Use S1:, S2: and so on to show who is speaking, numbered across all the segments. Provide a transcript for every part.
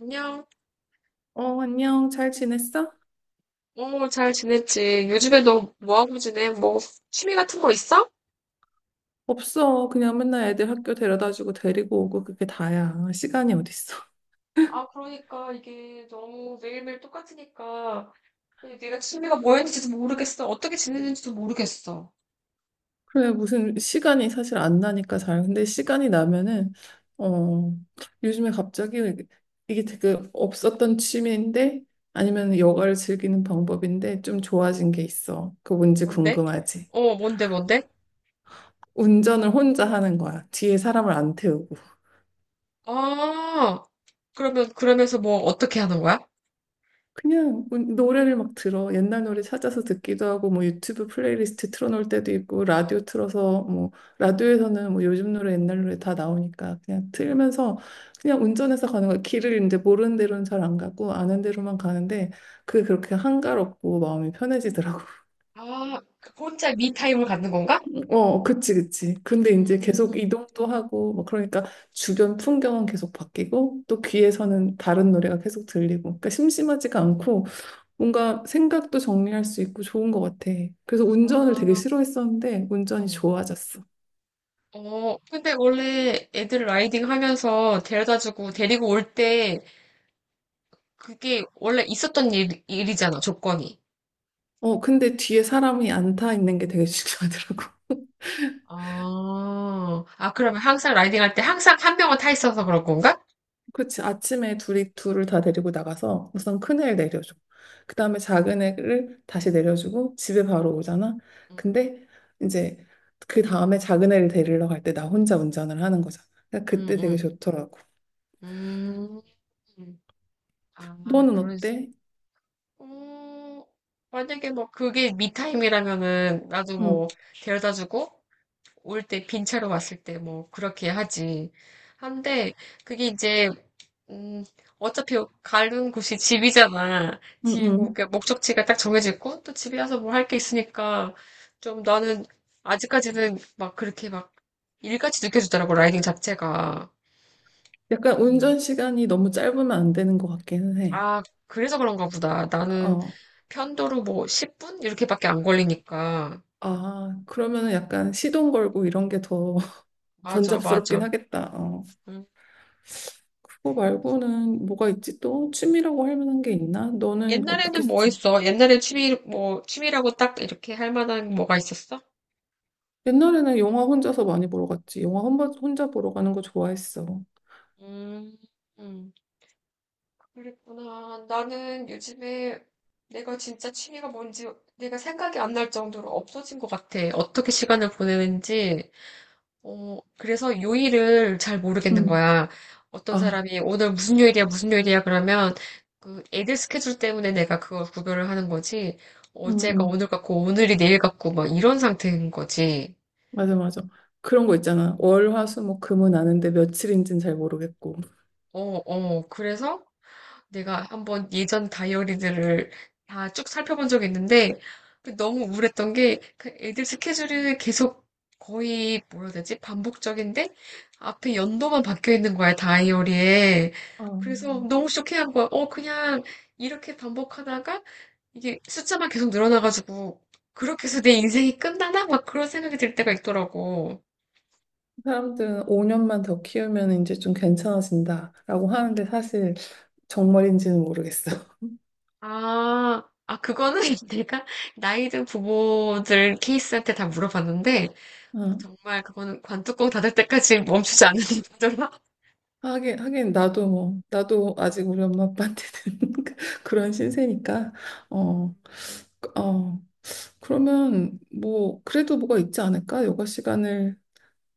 S1: 안녕.
S2: 어, 안녕. 잘 지냈어?
S1: 어, 잘 지냈지? 요즘에 너 뭐하고 지내? 뭐, 취미 같은 거 있어?
S2: 없어. 그냥 맨날 애들 학교 데려다주고 데리고 오고 그게 다야. 시간이 어딨어.
S1: 아, 그러니까 이게 너무 매일매일 똑같으니까 내가 취미가 뭐였는지도 모르겠어. 어떻게 지내는지도 모르겠어.
S2: 그래, 무슨 시간이 사실 안 나니까 잘. 근데 시간이 나면은, 어, 요즘에 갑자기 이게 되게 없었던 취미인데 아니면 여가를 즐기는 방법인데 좀 좋아진 게 있어. 그거 뭔지
S1: 뭔데?
S2: 궁금하지?
S1: 어, 뭔데, 뭔데?
S2: 운전을 혼자 하는 거야. 뒤에 사람을 안 태우고.
S1: 아, 그러면서 뭐, 어떻게 하는 거야?
S2: 그냥 뭐 노래를 막 들어. 옛날 노래 찾아서 듣기도 하고, 뭐 유튜브 플레이리스트 틀어놓을 때도 있고, 라디오 틀어서, 뭐, 라디오에서는 뭐 요즘 노래, 옛날 노래 다 나오니까 그냥 틀면서 그냥 운전해서 가는 거야. 길을 이제 모르는 대로는 잘 안 가고, 아는 대로만 가는데, 그게 그렇게 한가롭고 마음이 편해지더라고.
S1: 아, 그 혼자 미타임을 갖는 건가?
S2: 어, 그치, 그치. 근데 이제 계속
S1: 음,
S2: 이동도 하고, 뭐 그러니까 주변 풍경은 계속 바뀌고, 또 귀에서는 다른 노래가 계속 들리고, 그러니까 심심하지가 않고, 뭔가 생각도 정리할 수 있고 좋은 것 같아. 그래서 운전을 되게
S1: 아,
S2: 싫어했었는데 운전이
S1: 어.
S2: 좋아졌어.
S1: 어, 근데 원래 애들 라이딩 하면서 데려다주고 데리고 올때 그게 원래 있었던 일이잖아, 조건이.
S2: 어, 근데 뒤에 사람이 안 타 있는 게 되게 중요하더라고.
S1: 아, 아, 그러면 항상 라이딩 할 때 항상 한 명은 타 있어서 그런 건가?
S2: 그렇지. 아침에 둘이 둘을 다 데리고 나가서 우선 큰 애를 내려줘. 그 다음에 작은 애를 다시 내려주고 집에 바로 오잖아.
S1: 응,
S2: 근데 이제 그 다음에 작은 애를 데리러 갈 때 나 혼자 운전을 하는 거잖아. 그러니까
S1: 응,
S2: 그때 되게
S1: 응.
S2: 좋더라고.
S1: 음, 아,
S2: 너는
S1: 그런,
S2: 어때?
S1: 어, 만약에 뭐 그게 미타임이라면은 나도
S2: 응,
S1: 뭐 데려다 주고 올 때 빈 차로 왔을 때 뭐 그렇게 하지. 한데 그게 이제 음, 어차피 가는 곳이 집이잖아.
S2: 응,
S1: 집이고,
S2: 응.
S1: 그러니까 목적지가 딱 정해져 있고, 또 집에 와서 뭘 할 게 있으니까, 좀 나는 아직까지는 막 그렇게 막 일같이 느껴지더라고, 라이딩 자체가.
S2: 약간
S1: 음,
S2: 운전 시간이 너무 짧으면 안 되는 것 같기는 해.
S1: 아, 그래서 그런가 보다. 나는
S2: 어.
S1: 편도로 뭐 10분? 이렇게밖에 안 걸리니까.
S2: 아, 그러면은 약간 시동 걸고 이런 게 더
S1: 맞아,
S2: 번잡스럽긴
S1: 맞아.
S2: 하겠다. 어,
S1: 음.
S2: 그거 말고는 뭐가 있지? 또 취미라고 할 만한 게 있나? 너는 어떻게
S1: 옛날에는 뭐
S2: 했지?
S1: 했어? 옛날에 취미, 뭐, 취미라고 딱 이렇게 할 만한 뭐가 있었어?
S2: 옛날에는 영화 혼자서 많이 보러 갔지. 영화 혼자, 혼자 보러 가는 거 좋아했어.
S1: 음, 음. 그랬구나. 나는 요즘에 내가 진짜 취미가 뭔지 내가 생각이 안 날 정도로 없어진 것 같아. 어떻게 시간을 보내는지. 어, 그래서 요일을 잘 모르겠는
S2: 응,
S1: 거야. 어떤
S2: 아,
S1: 사람이 오늘 무슨 요일이야, 무슨 요일이야 그러면 그 애들 스케줄 때문에 내가 그걸 구별을 하는 거지.
S2: 응,
S1: 어제가
S2: 응.
S1: 오늘 같고 오늘이 내일 같고 막 이런 상태인 거지.
S2: 맞아, 맞아. 그런 거 있잖아. 월, 화, 수, 목, 금은 아는데 며칠인지는 잘 모르겠고.
S1: 어, 어. 그래서 내가 한번 예전 다이어리들을 다 쭉 살펴본 적이 있는데 그 너무 우울했던 게 그 애들 스케줄이 계속 거의 뭐라 해야 되지? 반복적인데 앞에 연도만 바뀌어 있는 거야, 다이어리에.
S2: 아,
S1: 그래서 너무 쇼킹한 거야. 어, 그냥 이렇게 반복하다가 이게 숫자만 계속 늘어나가지고 그렇게 해서 내 인생이 끝나나? 막 그런 생각이 들 때가 있더라고.
S2: 사람들은 5년만 더 키우면 이제 좀 괜찮아진다라고 하는데 사실 정말인지는 모르겠어.
S1: 아, 아, 그거는 내가 나이든 부모들 케이스한테 다 물어봤는데 정말 그거는 관뚜껑 닫을 때까지 멈추지 않으니까 정말
S2: 하긴, 하긴, 나도 뭐, 나도 아직 우리 엄마 아빠한테는 그런 신세니까, 어, 그, 어, 그러면 뭐, 그래도 뭐가 있지 않을까? 여가 시간을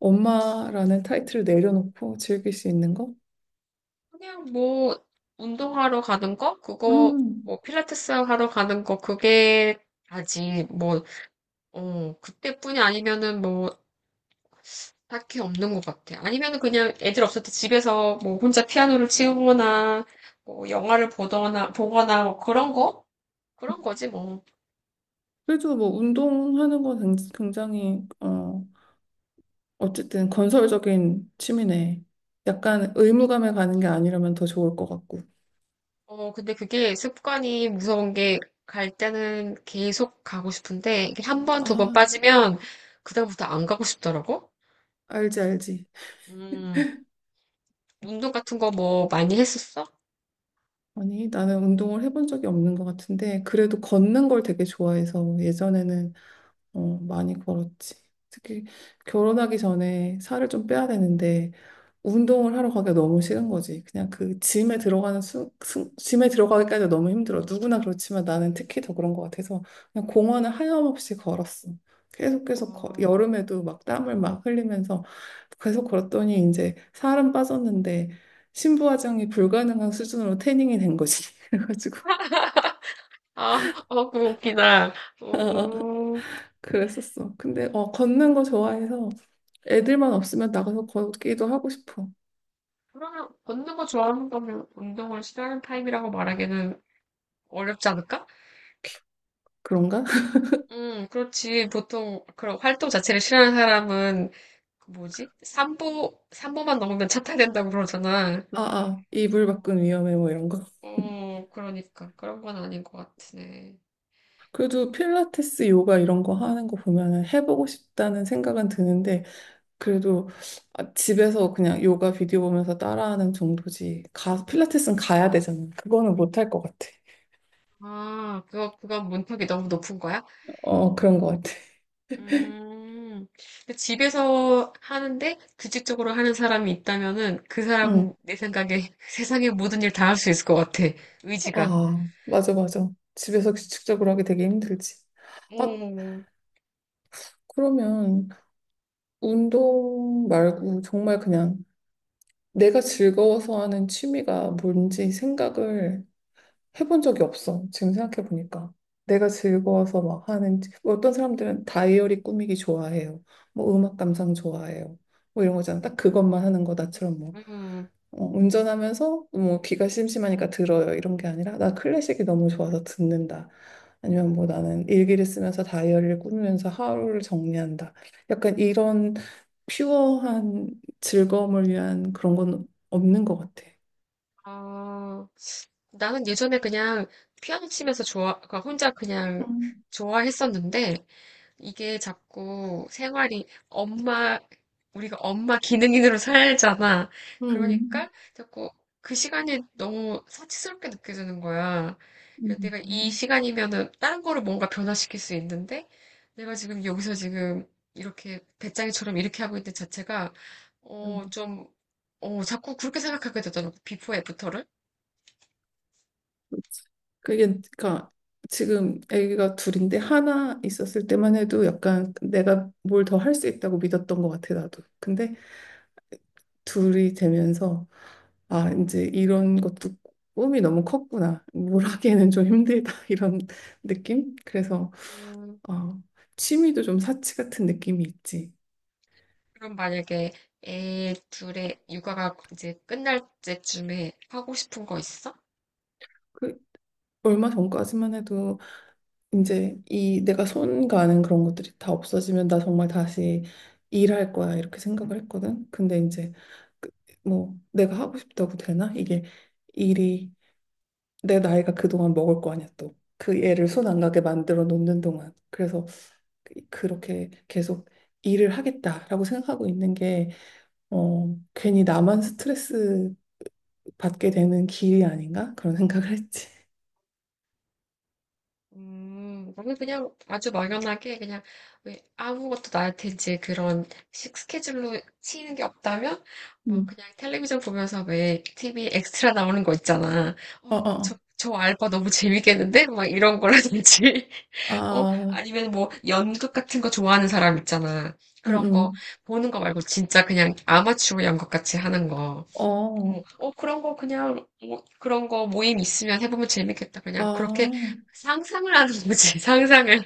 S2: 엄마라는 타이틀을 내려놓고 즐길 수 있는 거?
S1: 그냥 뭐 운동하러 가는 거 그거
S2: 음,
S1: 뭐 필라테스 하러 가는 거 그게 다지 뭐 어, 그때뿐이 아니면은 뭐 딱히 없는 것 같아. 아니면은 그냥 애들 없을 때 집에서 뭐 혼자 피아노를 치거나 뭐 영화를 보거나 뭐 그런 거 그런 거지 뭐.
S2: 그래도 뭐, 운동하는 거 굉장히, 어쨌든 건설적인 취미네. 약간 의무감에 가는 게 아니라면 더 좋을 것 같고.
S1: 어, 근데 그게 습관이 무서운 게 갈 때는 계속 가고 싶은데 이게 한 번, 두 번
S2: 아,
S1: 빠지면 그다음부터 안 가고 싶더라고.
S2: 알지, 알지.
S1: 음, 운동 같은 거 뭐 많이 했었어?
S2: 아니, 나는 운동을 해본 적이 없는 것 같은데, 그래도 걷는 걸 되게 좋아해서 예전에는 많이 걸었지. 특히 결혼하기 전에 살을 좀 빼야 되는데, 운동을 하러 가기가 너무 싫은 거지. 그냥 그 짐에 들어가는 짐에 들어가기까지 너무 힘들어. 누구나 그렇지만 나는 특히 더 그런 것 같아서 그냥 공원을 하염없이 걸었어. 계속 계속
S1: 어,
S2: 여름에도 막 땀을 막 흘리면서 계속 걸었더니 이제 살은 빠졌는데 신부화장이 불가능한 수준으로 태닝이 된 거지. 그래가지고
S1: 아, 어, 그거 웃기다. 어,
S2: 그랬었어. 근데 걷는 거 좋아해서 애들만 없으면 나가서 걷기도 하고 싶어.
S1: 그러면 걷는 거 좋아하는 거면 운동을 싫어하는 타입이라고 말하기는 어렵지 않을까?
S2: 그런가?
S1: 그렇지. 보통 그런 활동 자체를 싫어하는 사람은 그 뭐지? 삼보 3보만 넘으면 차 타야 된다고 그러잖아.
S2: 아, 아, 이불
S1: 어,
S2: 밖은 위험해 뭐 이런 거.
S1: 어, 그러니까. 그런 건 아닌 것 같으네.
S2: 그래도 필라테스, 요가 이런 거 하는 거 보면은 해보고 싶다는 생각은 드는데 그래도 아, 집에서 그냥 요가 비디오 보면서 따라하는 정도지 가 필라테스는 가야 되잖아. 그거는 못할 것 같아.
S1: 아, 그거, 그건 문턱이 너무 높은 거야?
S2: 어 그런 것 같아.
S1: 음, 근데 집에서 하는데 규칙적으로 하는 사람이 있다면은 그
S2: 응.
S1: 사람은 내 생각에 세상의 모든 일 다 할 수 있을 것 같아. 의지가.
S2: 아 맞아 맞아. 집에서
S1: 음.
S2: 규칙적으로 하기 되게 힘들지. 아
S1: 음,
S2: 그러면 운동 말고 정말 그냥 내가 즐거워서 하는 취미가 뭔지 생각을 해본 적이 없어. 지금 생각해보니까. 내가 즐거워서 막 하는, 뭐 어떤 사람들은 다이어리 꾸미기 좋아해요. 뭐 음악 감상 좋아해요. 뭐 이런 거잖아. 딱 그것만 하는 거. 나처럼 뭐,
S1: 음,
S2: 운전하면서 뭐 귀가 심심하니까 들어요. 이런 게 아니라 나 클래식이 너무 좋아서 듣는다. 아니면 뭐 나는 일기를 쓰면서 다이어리를 꾸미면서 하루를 정리한다. 약간 이런 퓨어한 즐거움을 위한 그런 건 없는 것 같아.
S1: 아, 나는 예전에 그냥 피아노 치면서 좋아, 그러니까 혼자 그냥
S2: 음,
S1: 좋아했었는데 이게 자꾸 생활이 엄마, 우리가 엄마 기능인으로 살잖아.
S2: 음,
S1: 그러니까 자꾸 그 시간이 너무 사치스럽게 느껴지는 거야. 그래서 내가 이
S2: 음.
S1: 시간이면은 다른 거를 뭔가 변화시킬 수 있는데 내가 지금 여기서 지금 이렇게 배짱이처럼 이렇게 하고 있는 자체가 어,
S2: 음.
S1: 좀, 어, 자꾸 그렇게 생각하게 되더라고. 비포 애프터를.
S2: 그게 그러니까 지금 아기가 둘인데 하나 있었을 때만 해도 약간 내가 뭘 더 할 수 있다고 믿었던 것 같아 나도. 근데 둘이 되면서 아 이제 이런 것도 꿈이 너무 컸구나. 뭘 하기에는 좀 힘들다 이런 느낌. 그래서
S1: 음,
S2: 아 취미도 좀 사치 같은 느낌이 있지.
S1: 그럼 만약에 애 둘의 육아가 이제 끝날 때쯤에 하고 싶은 거 있어?
S2: 그 얼마 전까지만 해도 이제 이 내가 손 가는 그런 것들이 다 없어지면 나 정말 다시 일할 거야 이렇게 생각을 했거든. 근데 이제 그- 뭐 내가 하고 싶다고 되나? 이게 일이 내 나이가 그동안 먹을 거 아니야 또. 그 애를
S1: 음,
S2: 손 안 가게 만들어 놓는 동안. 그래서 그렇게 계속 일을 하겠다라고 생각하고 있는 게 괜히 나만 스트레스 받게 되는 길이 아닌가? 그런 생각을 했지.
S1: 나는 그냥 아주 막연하게 그냥 왜 아무것도 나한테 이제 그런 식 스케줄로 치이는 게 없다면 막
S2: 음.
S1: 그냥 텔레비전 보면서 왜 TV 엑스트라 나오는 거 있잖아.
S2: 어,
S1: 어,
S2: 어,
S1: 그럼 저,
S2: 어.
S1: 저 알바 너무 재밌겠는데? 막 이런 거라든지. 어,
S2: 아,
S1: 아니면 뭐 연극 같은 거 좋아하는 사람 있잖아.
S2: 음,
S1: 그런 거
S2: 음.
S1: 보는 거 말고 진짜 그냥 아마추어 연극 같이 하는 거.
S2: 어.
S1: 어, 어, 그런 거 그냥, 뭐, 그런 거 모임 있으면 해보면 재밌겠다. 그냥 그렇게
S2: 아,
S1: 상상을 하는 거지, 상상을.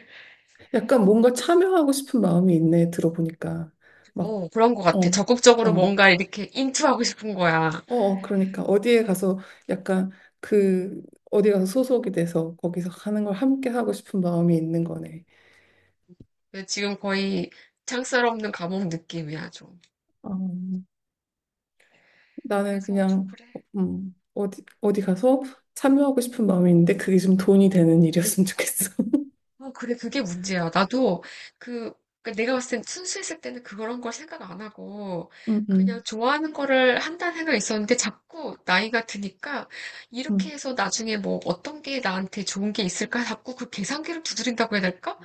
S2: 약간 뭔가 참여하고 싶은 마음이 있네, 들어보니까. 막,
S1: 어, 그런 거
S2: 어,
S1: 같아.
S2: 어,
S1: 적극적으로
S2: 어,
S1: 뭔가 이렇게 인투하고 싶은 거야.
S2: 그러니까 어디에
S1: 음.
S2: 가서 약간 그, 어디 가서 소속이 돼서 거기서 하는 걸 함께 하고 싶은 마음이 있는 거네.
S1: 근데 지금 거의 창살 없는 감옥 느낌이야, 좀.
S2: 어, 나는
S1: 그래서 좀
S2: 그냥,
S1: 그래.
S2: 어디 가서 참여하고 싶은 마음이 있는데 그게 좀 돈이 되는 일이었으면 좋겠어.
S1: 어, 그래, 그게 문제야. 나도 그, 그 내가 봤을 땐 순수했을 때는 그런 걸 생각 안 하고
S2: 응,
S1: 그냥
S2: 응,
S1: 좋아하는 거를 한다는 생각이 있었는데 자꾸 나이가 드니까 이렇게
S2: 응,
S1: 해서 나중에 뭐 어떤 게 나한테 좋은 게 있을까 자꾸 그 계산기를 두드린다고 해야 될까?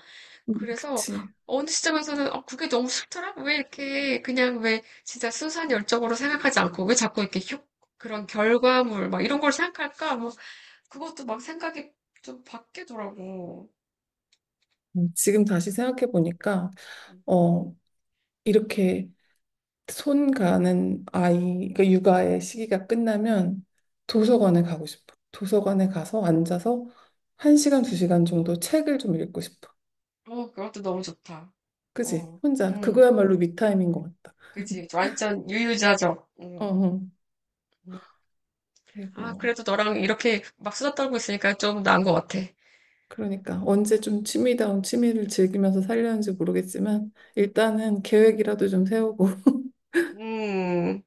S2: 응,
S1: 그래서
S2: 그치.
S1: 어느 시점에서는 어, 그게 너무 싫더라? 왜 이렇게 그냥 왜 진짜 순수한 열정으로 생각하지 않고 왜 자꾸 이렇게 효, 그런 결과물 막 이런 걸 생각할까? 뭐 그것도 막 생각이 좀 바뀌더라고.
S2: 지금 다시 생각해보니까, 어, 이렇게 손 가는 아이, 그러니까 육아의 시기가 끝나면 도서관에 가고 싶어. 도서관에 가서 앉아서 한시간두시간 정도 책을 좀 읽고 싶어.
S1: 어, 그것도 너무 좋다.
S2: 그지?
S1: 어,
S2: 혼자.
S1: 응,
S2: 그거야말로 미타임인 것 같다.
S1: 그지. 완전 유유자적.
S2: 어,
S1: 응.
S2: 어.
S1: 음, 아,
S2: 그리고,
S1: 그래도 너랑 이렇게 막 수다 떨고 있으니까 좀 나은 것 같아.
S2: 그러니까 언제 좀 취미다운 취미를 즐기면서 살려는지 모르겠지만, 일단은 계획이라도 좀 세우고.
S1: 음.